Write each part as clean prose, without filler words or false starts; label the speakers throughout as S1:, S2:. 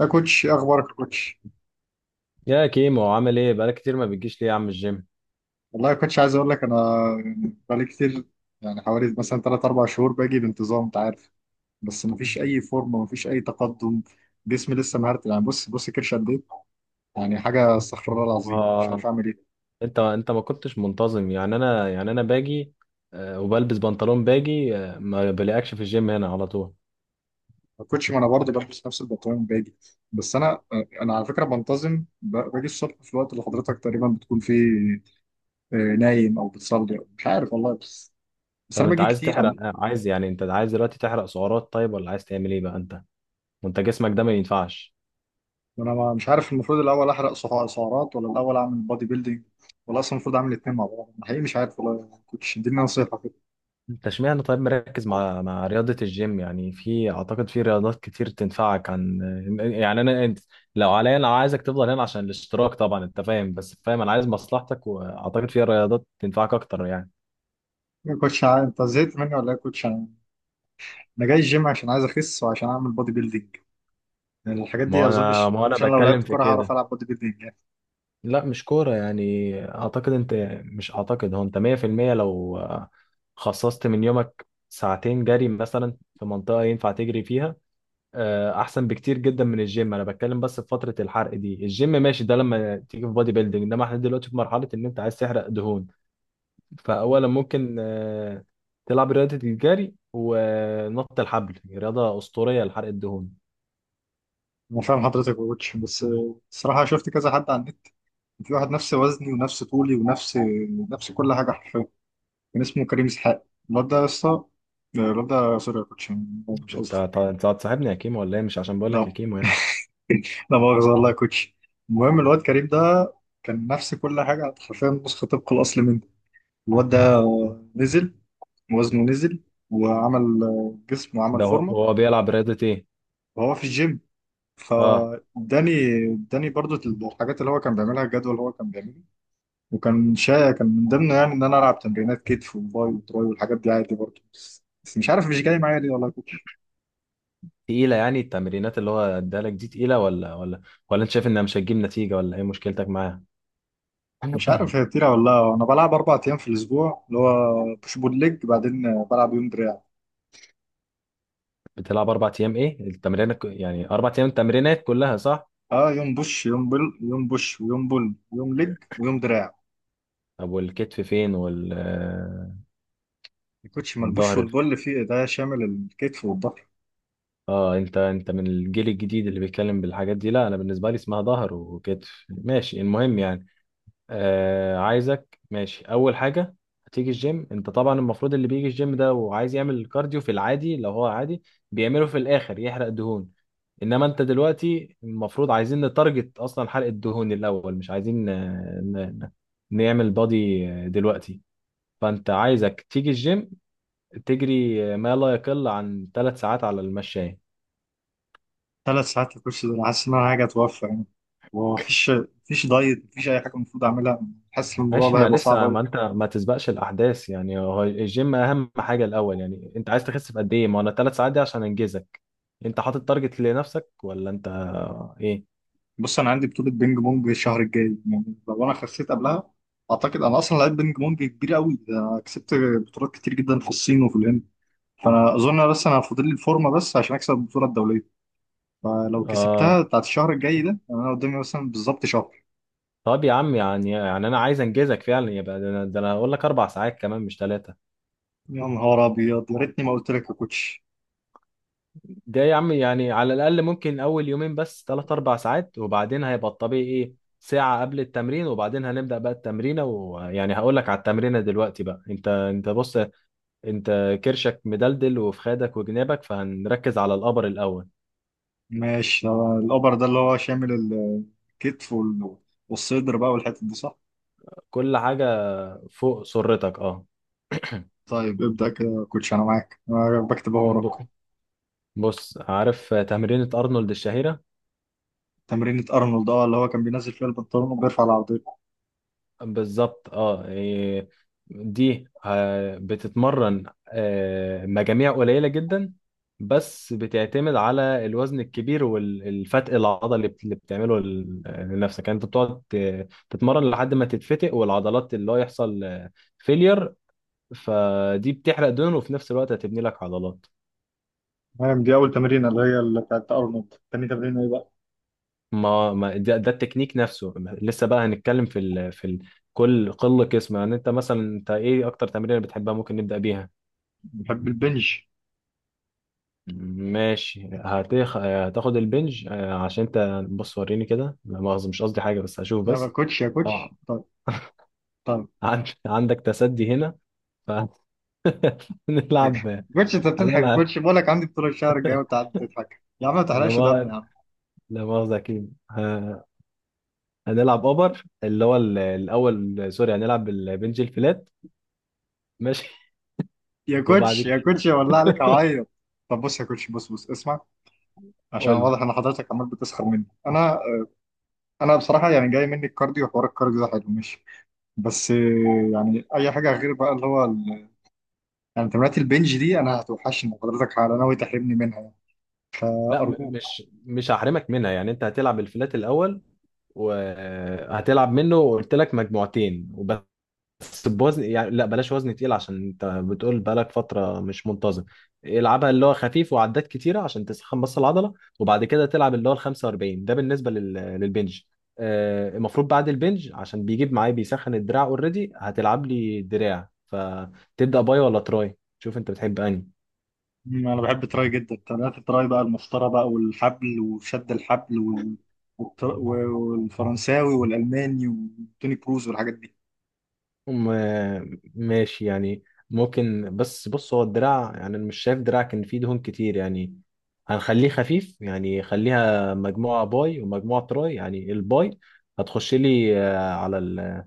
S1: يا كوتش، إيه اخبارك يا كوتش؟
S2: يا كيمو، عامل ايه؟ بقالك كتير ما بتجيش ليه يا عم الجيم؟
S1: والله يا كوتش، عايز اقول لك، انا بقالي كتير، يعني حوالي مثلا 3 4 شهور باجي بانتظام انت عارف. بس مفيش اي فورمه، مفيش اي تقدم. جسمي لسه مهرت، يعني بص بص كرش قد ايه. يعني حاجه، استغفر الله العظيم، مش عارف
S2: ما
S1: اعمل ايه.
S2: انت ما كنتش منتظم يعني. انا باجي، وبلبس بنطلون باجي، ما بلاقيكش في الجيم هنا على طول.
S1: يا كوتش، ما انا برضه بلبس نفس البنطلون باجي. بس انا على فكره بنتظم باجي الصبح في الوقت اللي حضرتك تقريبا بتكون فيه، نايم او بتصلي أو مش عارف والله. بس بس
S2: طب
S1: انا
S2: انت
S1: باجي
S2: عايز
S1: كتير.
S2: تحرق، عايز يعني انت عايز دلوقتي تحرق سعرات، طيب، ولا عايز تعمل ايه بقى انت؟ وانت جسمك ده ما ينفعش.
S1: انا مش عارف المفروض الاول احرق سعرات ولا الاول اعمل بودي بيلدينج، ولا اصلا المفروض اعمل الاثنين مع بعض. أنا حقيقي مش عارف، والله كوتش اديني نصيحه كده.
S2: انت اشمعنى طيب مركز مع رياضة الجيم؟ يعني في اعتقد في رياضات كتير تنفعك عن، يعني انا انت، لو عليا انا عايزك تفضل هنا عشان الاشتراك طبعا، انت فاهم، بس فاهم انا عايز مصلحتك، واعتقد في رياضات تنفعك اكتر يعني.
S1: يا كوتش انت زهقت مني ولا ايه يا كوتش؟ انا، أنا جاي الجيم عشان عايز اخس وعشان اعمل بودي بيلدينج. يعني الحاجات دي،
S2: ما انا
S1: اظنش
S2: ما انا
S1: اظنش انا لو
S2: بتكلم
S1: لعبت
S2: في
S1: كوره هعرف
S2: كده.
S1: العب بودي بيلدينج يعني.
S2: لا مش كورة يعني، اعتقد انت، مش اعتقد، هو انت 100%، لو خصصت من يومك ساعتين جري مثلا في منطقة ينفع تجري فيها، احسن بكتير جدا من الجيم. انا بتكلم بس في فتره الحرق دي، الجيم ماشي، ده لما تيجي في بادي بيلدينج، انما احنا دلوقتي في مرحله ان انت عايز تحرق دهون. فاولا ممكن تلعب رياضه الجري، ونط الحبل رياضه اسطوريه لحرق الدهون.
S1: انا فاهم حضرتك يا كوتش، بس الصراحه شفت كذا حد على النت، في واحد نفس وزني ونفس طولي ونفس، نفس كل حاجه حرفيا. كان اسمه كريم اسحاق. الواد ده يا اسطى، الواد ده سوري يا كوتش، مش قصدي.
S2: انت هتصاحبني يا كيمو ولا ايه؟ مش عشان بقول لك يا
S1: لا،
S2: كيمو يعني.
S1: لا مؤاخذة والله يا كوتش. المهم الواد كريم ده كان نفس كل حاجة حرفيا، نسخة طبق الأصل منه. الواد ده نزل، وزنه نزل، وعمل جسم وعمل
S2: ده هو
S1: فورمة
S2: هو بيلعب رياضه ايه؟
S1: وهو في الجيم.
S2: اه.
S1: فاداني اداني برضو الحاجات اللي هو كان بيعملها، الجدول اللي هو كان بيعمله. وكان كان من ضمنه يعني ان انا العب تمرينات كتف وباي وتراي والحاجات دي عادي برضو. بس بس مش عارف مش جاي معايا ليه، والله يا كوتش.
S2: تقيله يعني؟ التمرينات اللي هو ادالك دي تقيله، ولا ولا انت شايف انها مش هتجيب نتيجه، ولا ايه مشكلتك معاها؟
S1: مش عارف هي كتيرة ولا لا. انا بلعب اربع ايام في الاسبوع، اللي هو بوش بول ليج، بعدين بلعب يوم دراع.
S2: بتلعب 4 ايام؟ ايه التمرين يعني؟ 4 ايام التمرينات كلها صح؟
S1: اه، يوم بوش يوم بل يوم بوش ويوم بول ويوم لج ويوم دراع.
S2: طب والكتف فين؟ وال
S1: الكوتش، ما البوش
S2: والظهر
S1: والبول فيه ده شامل الكتف والظهر.
S2: اه. انت من الجيل الجديد اللي بيتكلم بالحاجات دي. لا، انا بالنسبه لي اسمها ظهر وكتف، ماشي، المهم يعني. آه، عايزك ماشي. اول حاجه هتيجي الجيم. انت طبعا المفروض اللي بيجي الجيم ده وعايز يعمل كارديو في العادي، لو هو عادي، بيعمله في الاخر يحرق دهون. انما انت دلوقتي المفروض عايزين نتارجت اصلا حرق الدهون الاول، مش عايزين نعمل بادي دلوقتي. فانت عايزك تيجي الجيم تجري ما لا يقل عن 3 ساعات على المشاية.
S1: ثلاث ساعات الكوتش ده؟ أنا حاسس ان انا حاجه اتوفى يعني. ومفيش، مفيش دايت، مفيش اي حاجه المفروض اعملها. حاسس ان الموضوع
S2: ماشي،
S1: ده
S2: ما
S1: هيبقى صعب
S2: لسه،
S1: قوي.
S2: ما ما تسبقش الاحداث يعني. هو الجيم اهم حاجة الاول. يعني انت عايز تخس في قد ايه؟ ما انا 3 ساعات دي عشان انجزك. انت حاطط تارجت لنفسك، ولا انت ايه؟
S1: بص انا عندي بطوله بينج بونج الشهر الجاي، يعني لو انا خسيت قبلها. اعتقد انا اصلا لعيب بينج بونج كبير قوي، ده أنا كسبت بطولات كتير جدا في الصين وفي الهند. فانا اظن بس انا فاضل لي الفورمه بس عشان اكسب البطوله الدوليه. فلو
S2: اه.
S1: كسبتها بتاعت الشهر الجاي ده يعني انا قدامي مثلا بالظبط شهر.
S2: طب يا عم، يعني انا عايز انجزك فعلا، يبقى ده، انا ده أنا هقول لك 4 ساعات كمان مش 3.
S1: يا نهار ابيض، يا ريتني ما قلت لك يا كوتش.
S2: ده يا عم يعني، على الأقل ممكن أول يومين بس تلات أربع ساعات، وبعدين هيبقى الطبيعي إيه؟ ساعة قبل التمرين، وبعدين هنبدأ بقى التمرينة. ويعني هقول لك على التمرينة دلوقتي بقى. أنت بص، أنت كرشك مدلدل، وفي خدك وجنابك، فهنركز على الأبر الأول.
S1: ماشي، ده الاوبر ده اللي هو شامل الكتف والصدر بقى والحتت دي صح؟
S2: كل حاجة فوق سرتك، أه.
S1: طيب ابدا كده يا كوتش، انا معاك، انا بكتب اهو وراك.
S2: ب- بص، عارف تمرينة أرنولد الشهيرة؟
S1: تمرينة ارنولد، اه اللي هو كان بينزل فيها البنطلون وبيرفع العرضية.
S2: بالظبط. اه، إيه، دي بتتمرن مجاميع قليلة جدا، بس بتعتمد على الوزن الكبير والفتق العضلي اللي بتعمله لنفسك. يعني انت بتقعد تتمرن لحد ما تتفتق، والعضلات اللي هو يحصل فيلير. فدي بتحرق دهن، وفي نفس الوقت هتبني لك عضلات.
S1: تمام، دي اول تمرينة اللي هي اللي بتاعت ارنولد. تاني تمرينة ايه بقى؟
S2: ده التكنيك نفسه. لسه بقى هنتكلم في ال... في ال... كل قله قسم. يعني انت مثلا، انت ايه اكتر تمرين بتحبها، ممكن نبدأ بيها.
S1: بحب البنج.
S2: ماشي، هتخ... هتاخد البنج. عشان انت، بص وريني كده، لا مؤاخذة مش قصدي حاجة، بس هشوف
S1: يا
S2: بس.
S1: كوتش يا كوتش،
S2: اه،
S1: طيب. طيب.
S2: عند... عندك تسدي هنا، فهنلعب.
S1: كوتش انت بتضحك يا
S2: هنلعب،
S1: كوتش؟ بقول لك عندي بطولة الشهر الجاي وانت قاعد بتضحك يا عم. ما
S2: لا
S1: تحرقش دم يا
S2: ما-
S1: عم.
S2: لا مؤاخذة، أكيد هنلعب أوبر اللي هو ال- الأول، سوري، هنلعب البنج الفلات، ماشي.
S1: يا
S2: وبعد
S1: كوتش يا
S2: كده.
S1: كوتش، يا والله عليك اعيط. طب بص يا كوتش، بص بص اسمع. عشان
S2: قول لي.
S1: واضح ان حضرتك عمال بتسخر مني انا. انا بصراحه يعني جاي مني الكارديو، وحوار الكارديو ده حلو ماشي. بس يعني اي حاجه غير بقى اللي هو يعني تمرينات البنج دي انا هتوحشني. حضرتك على ناوي تحرمني منها يعني؟
S2: لا،
S1: ارجوك.
S2: مش هحرمك منها، يعني أنت هتلعب الفلات الأول، وهتلعب منه قلت لك مجموعتين، بس بوزن يعني، لا بلاش وزن تقيل عشان انت بتقول بقالك فترة مش منتظم. العبها اللي هو خفيف وعدات كتيرة عشان تسخن بس العضلة. وبعد كده تلعب اللي هو ال 45، ده بالنسبة لل... للبنج. المفروض بعد البنج عشان بيجيب معايا بيسخن الدراع اوريدي، هتلعب لي دراع. فتبدأ باي ولا تراي؟ شوف انت بتحب انهي.
S1: انا بحب التراي جدا. تمرينات التراي بقى، المسطره بقى والحبل وشد الحبل والفرنساوي والالماني وتوني كروز والحاجات دي.
S2: ماشي يعني، ممكن. بس بص، هو الدراع يعني أنا مش شايف دراع كان فيه دهون كتير يعني. هنخليه خفيف، يعني خليها مجموعة باي ومجموعة تراي. يعني الباي هتخش لي على ال-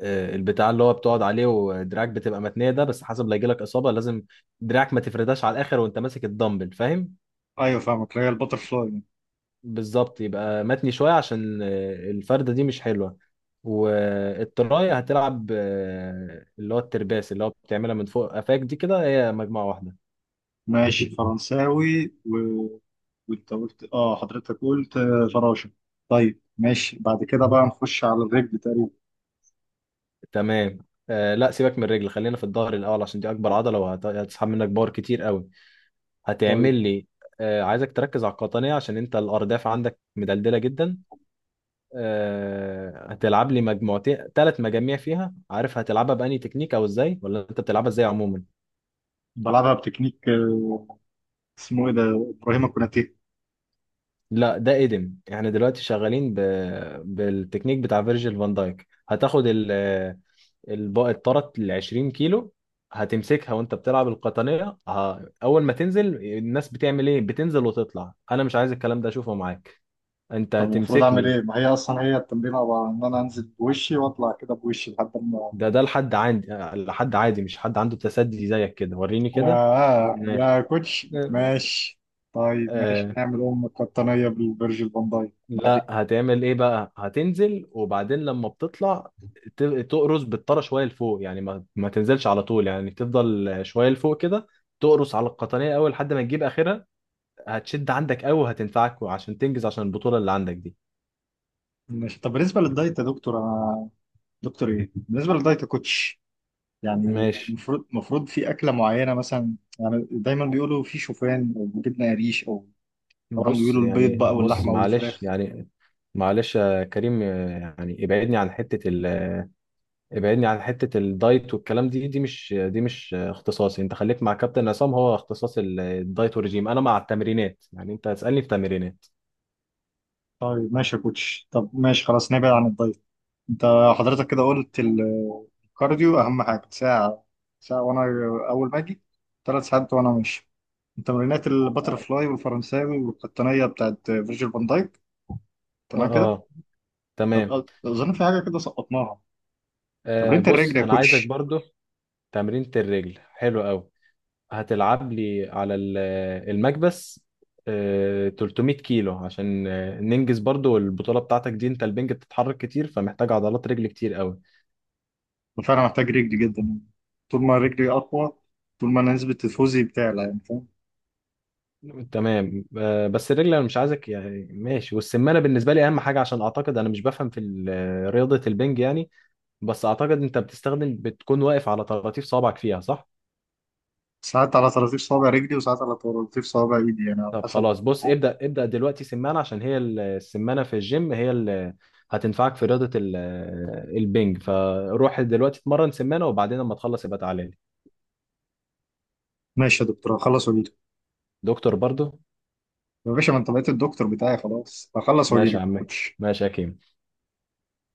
S2: البتاع اللي هو بتقعد عليه، ودراعك بتبقى متنية، ده بس حسب لا يجيلك إصابة. لازم دراعك ما تفرداش على الآخر وأنت ماسك الدمبل، فاهم؟
S1: ايوه فاهمك، اللي هي البتر فلاي.
S2: بالظبط، يبقى متني شوية عشان الفردة دي مش حلوة. والتراية هتلعب اللي هو الترباس اللي هو بتعملها من فوق قفاك دي، كده هي مجموعة واحدة.
S1: ماشي فرنساوي وانت قلت اه. حضرتك قلت فراشة. طيب ماشي، بعد كده بقى نخش على الرجل تقريبا.
S2: تمام. آه، لا سيبك من الرجل، خلينا في الظهر الأول عشان دي أكبر عضلة، وهتسحب منك باور كتير قوي. هتعمل
S1: طيب
S2: لي، آه، عايزك تركز على القطنية عشان أنت الأرداف عندك مدلدلة جدا. آه، هتلعب لي مجموعتين، 3 مجاميع فيها. عارف هتلعبها بأني تكنيك أو إزاي، ولا أنت بتلعبها إزاي عموما؟
S1: بلعبها بتكنيك. اسمه ايه ده؟ ابراهيم كوناتيه.
S2: لا، ده قدم، احنا دلوقتي شغالين ب... بالتكنيك بتاع فيرجيل فان دايك. هتاخد ال... الب... الطرت ال 20 كيلو، هتمسكها وانت بتلعب القطنية. ه... اول ما تنزل، الناس بتعمل ايه؟ بتنزل وتطلع. انا مش عايز الكلام ده اشوفه معاك. انت
S1: طب المفروض
S2: هتمسك
S1: اعمل
S2: لي.
S1: ايه؟ ما هي اصلا هي التمرين عباره عن ان انا انزل بوشي واطلع كده بوشي لحد ما.
S2: ده لحد عندي، لحد عادي، مش حد عنده تسدي زيك كده، وريني كده.
S1: يا
S2: ماشي.
S1: يا كوتش ماشي. طيب ماشي نعمل ام قطنيه بالفيرجيل فان دايك
S2: لا،
S1: بعدين.
S2: هتعمل ايه بقى؟ هتنزل، وبعدين لما بتطلع تقرص بالطرى شويه لفوق. يعني ما تنزلش على طول، يعني تفضل شويه لفوق كده، تقرص على القطنيه اول لحد ما تجيب اخرها. هتشد عندك قوي، وهتنفعك عشان تنجز، عشان البطوله اللي عندك دي.
S1: ماشي، طب بالنسبه للدايت يا دكتور، انا دكتور ايه؟ بالنسبه للدايت يا كوتش، يعني
S2: ماشي.
S1: المفروض في أكلة معينة مثلا؟ يعني دايما بيقولوا في شوفان أو جبنة قريش أو طبعا
S2: بص
S1: بيقولوا البيض
S2: يعني،
S1: بقى
S2: بص
S1: واللحمة
S2: معلش
S1: والفراخ.
S2: يعني، معلش يا كريم يعني، ابعدني عن حته ال، ابعدني عن حتة الدايت والكلام. دي مش اختصاصي. انت خليك مع كابتن عصام، هو اختصاص ال- الدايت والرجيم، انا مع التمرينات. يعني انت هتسألني في تمرينات.
S1: طيب ماشي يا كوتش، طب ماشي خلاص نبعد عن الدايت. أنت حضرتك كده قلت الكارديو أهم حاجة. ساعة، ساعة وأنا أول ما أجي. ثلاث ساعات وأنا ماشي. تمرينات
S2: اه.
S1: الباترفلاي والفرنساوي والقطنية بتاعت فيرجيل فان دايك. تمام كده؟
S2: اه. تمام.
S1: طب أظن في حاجة كده سقطناها.
S2: آه،
S1: تمرينة
S2: بص
S1: الرجل يا
S2: انا عايزك
S1: كوتش.
S2: برضو. تمرينة الرجل حلو قوي. هتلعب لي على ال- المكبس، آه 300 كيلو، عشان ننجز برضو البطولة بتاعتك دي. انت البنج بتتحرك كتير، فمحتاج عضلات رجل كتير قوي.
S1: فانا محتاج رجلي جدا. طول ما رجلي اقوى، طول ما أنا نسبه تفوزي بتعلى يعني، فاهم؟
S2: تمام، بس الرجل انا مش عايزك يعني ماشي. والسمانه بالنسبه لي اهم حاجه، عشان اعتقد انا مش بفهم في ال- رياضه البنج يعني. بس اعتقد انت بتستخدم، بتكون واقف على طراطيف صوابعك فيها، صح؟
S1: ساعات على طراطيف صوابع رجلي وساعات على طراطيف صوابع ايدي، يعني على
S2: طب
S1: حسب.
S2: خلاص بص، ابدا دلوقتي سمانه، عشان هي ال- السمانه في الجيم هي اللي هتنفعك في رياضه ال- البنج. فروح دلوقتي اتمرن سمانه، وبعدين لما تخلص يبقى تعالى لي.
S1: ماشي يا دكتور، هخلص واجيلك.
S2: دكتور برضو.
S1: يا باشا، ما انت بقيت الدكتور بتاعي خلاص، هخلص
S2: ماشي يا
S1: واجيلك ما
S2: عمي.
S1: كنتش
S2: ماشي يا كيم.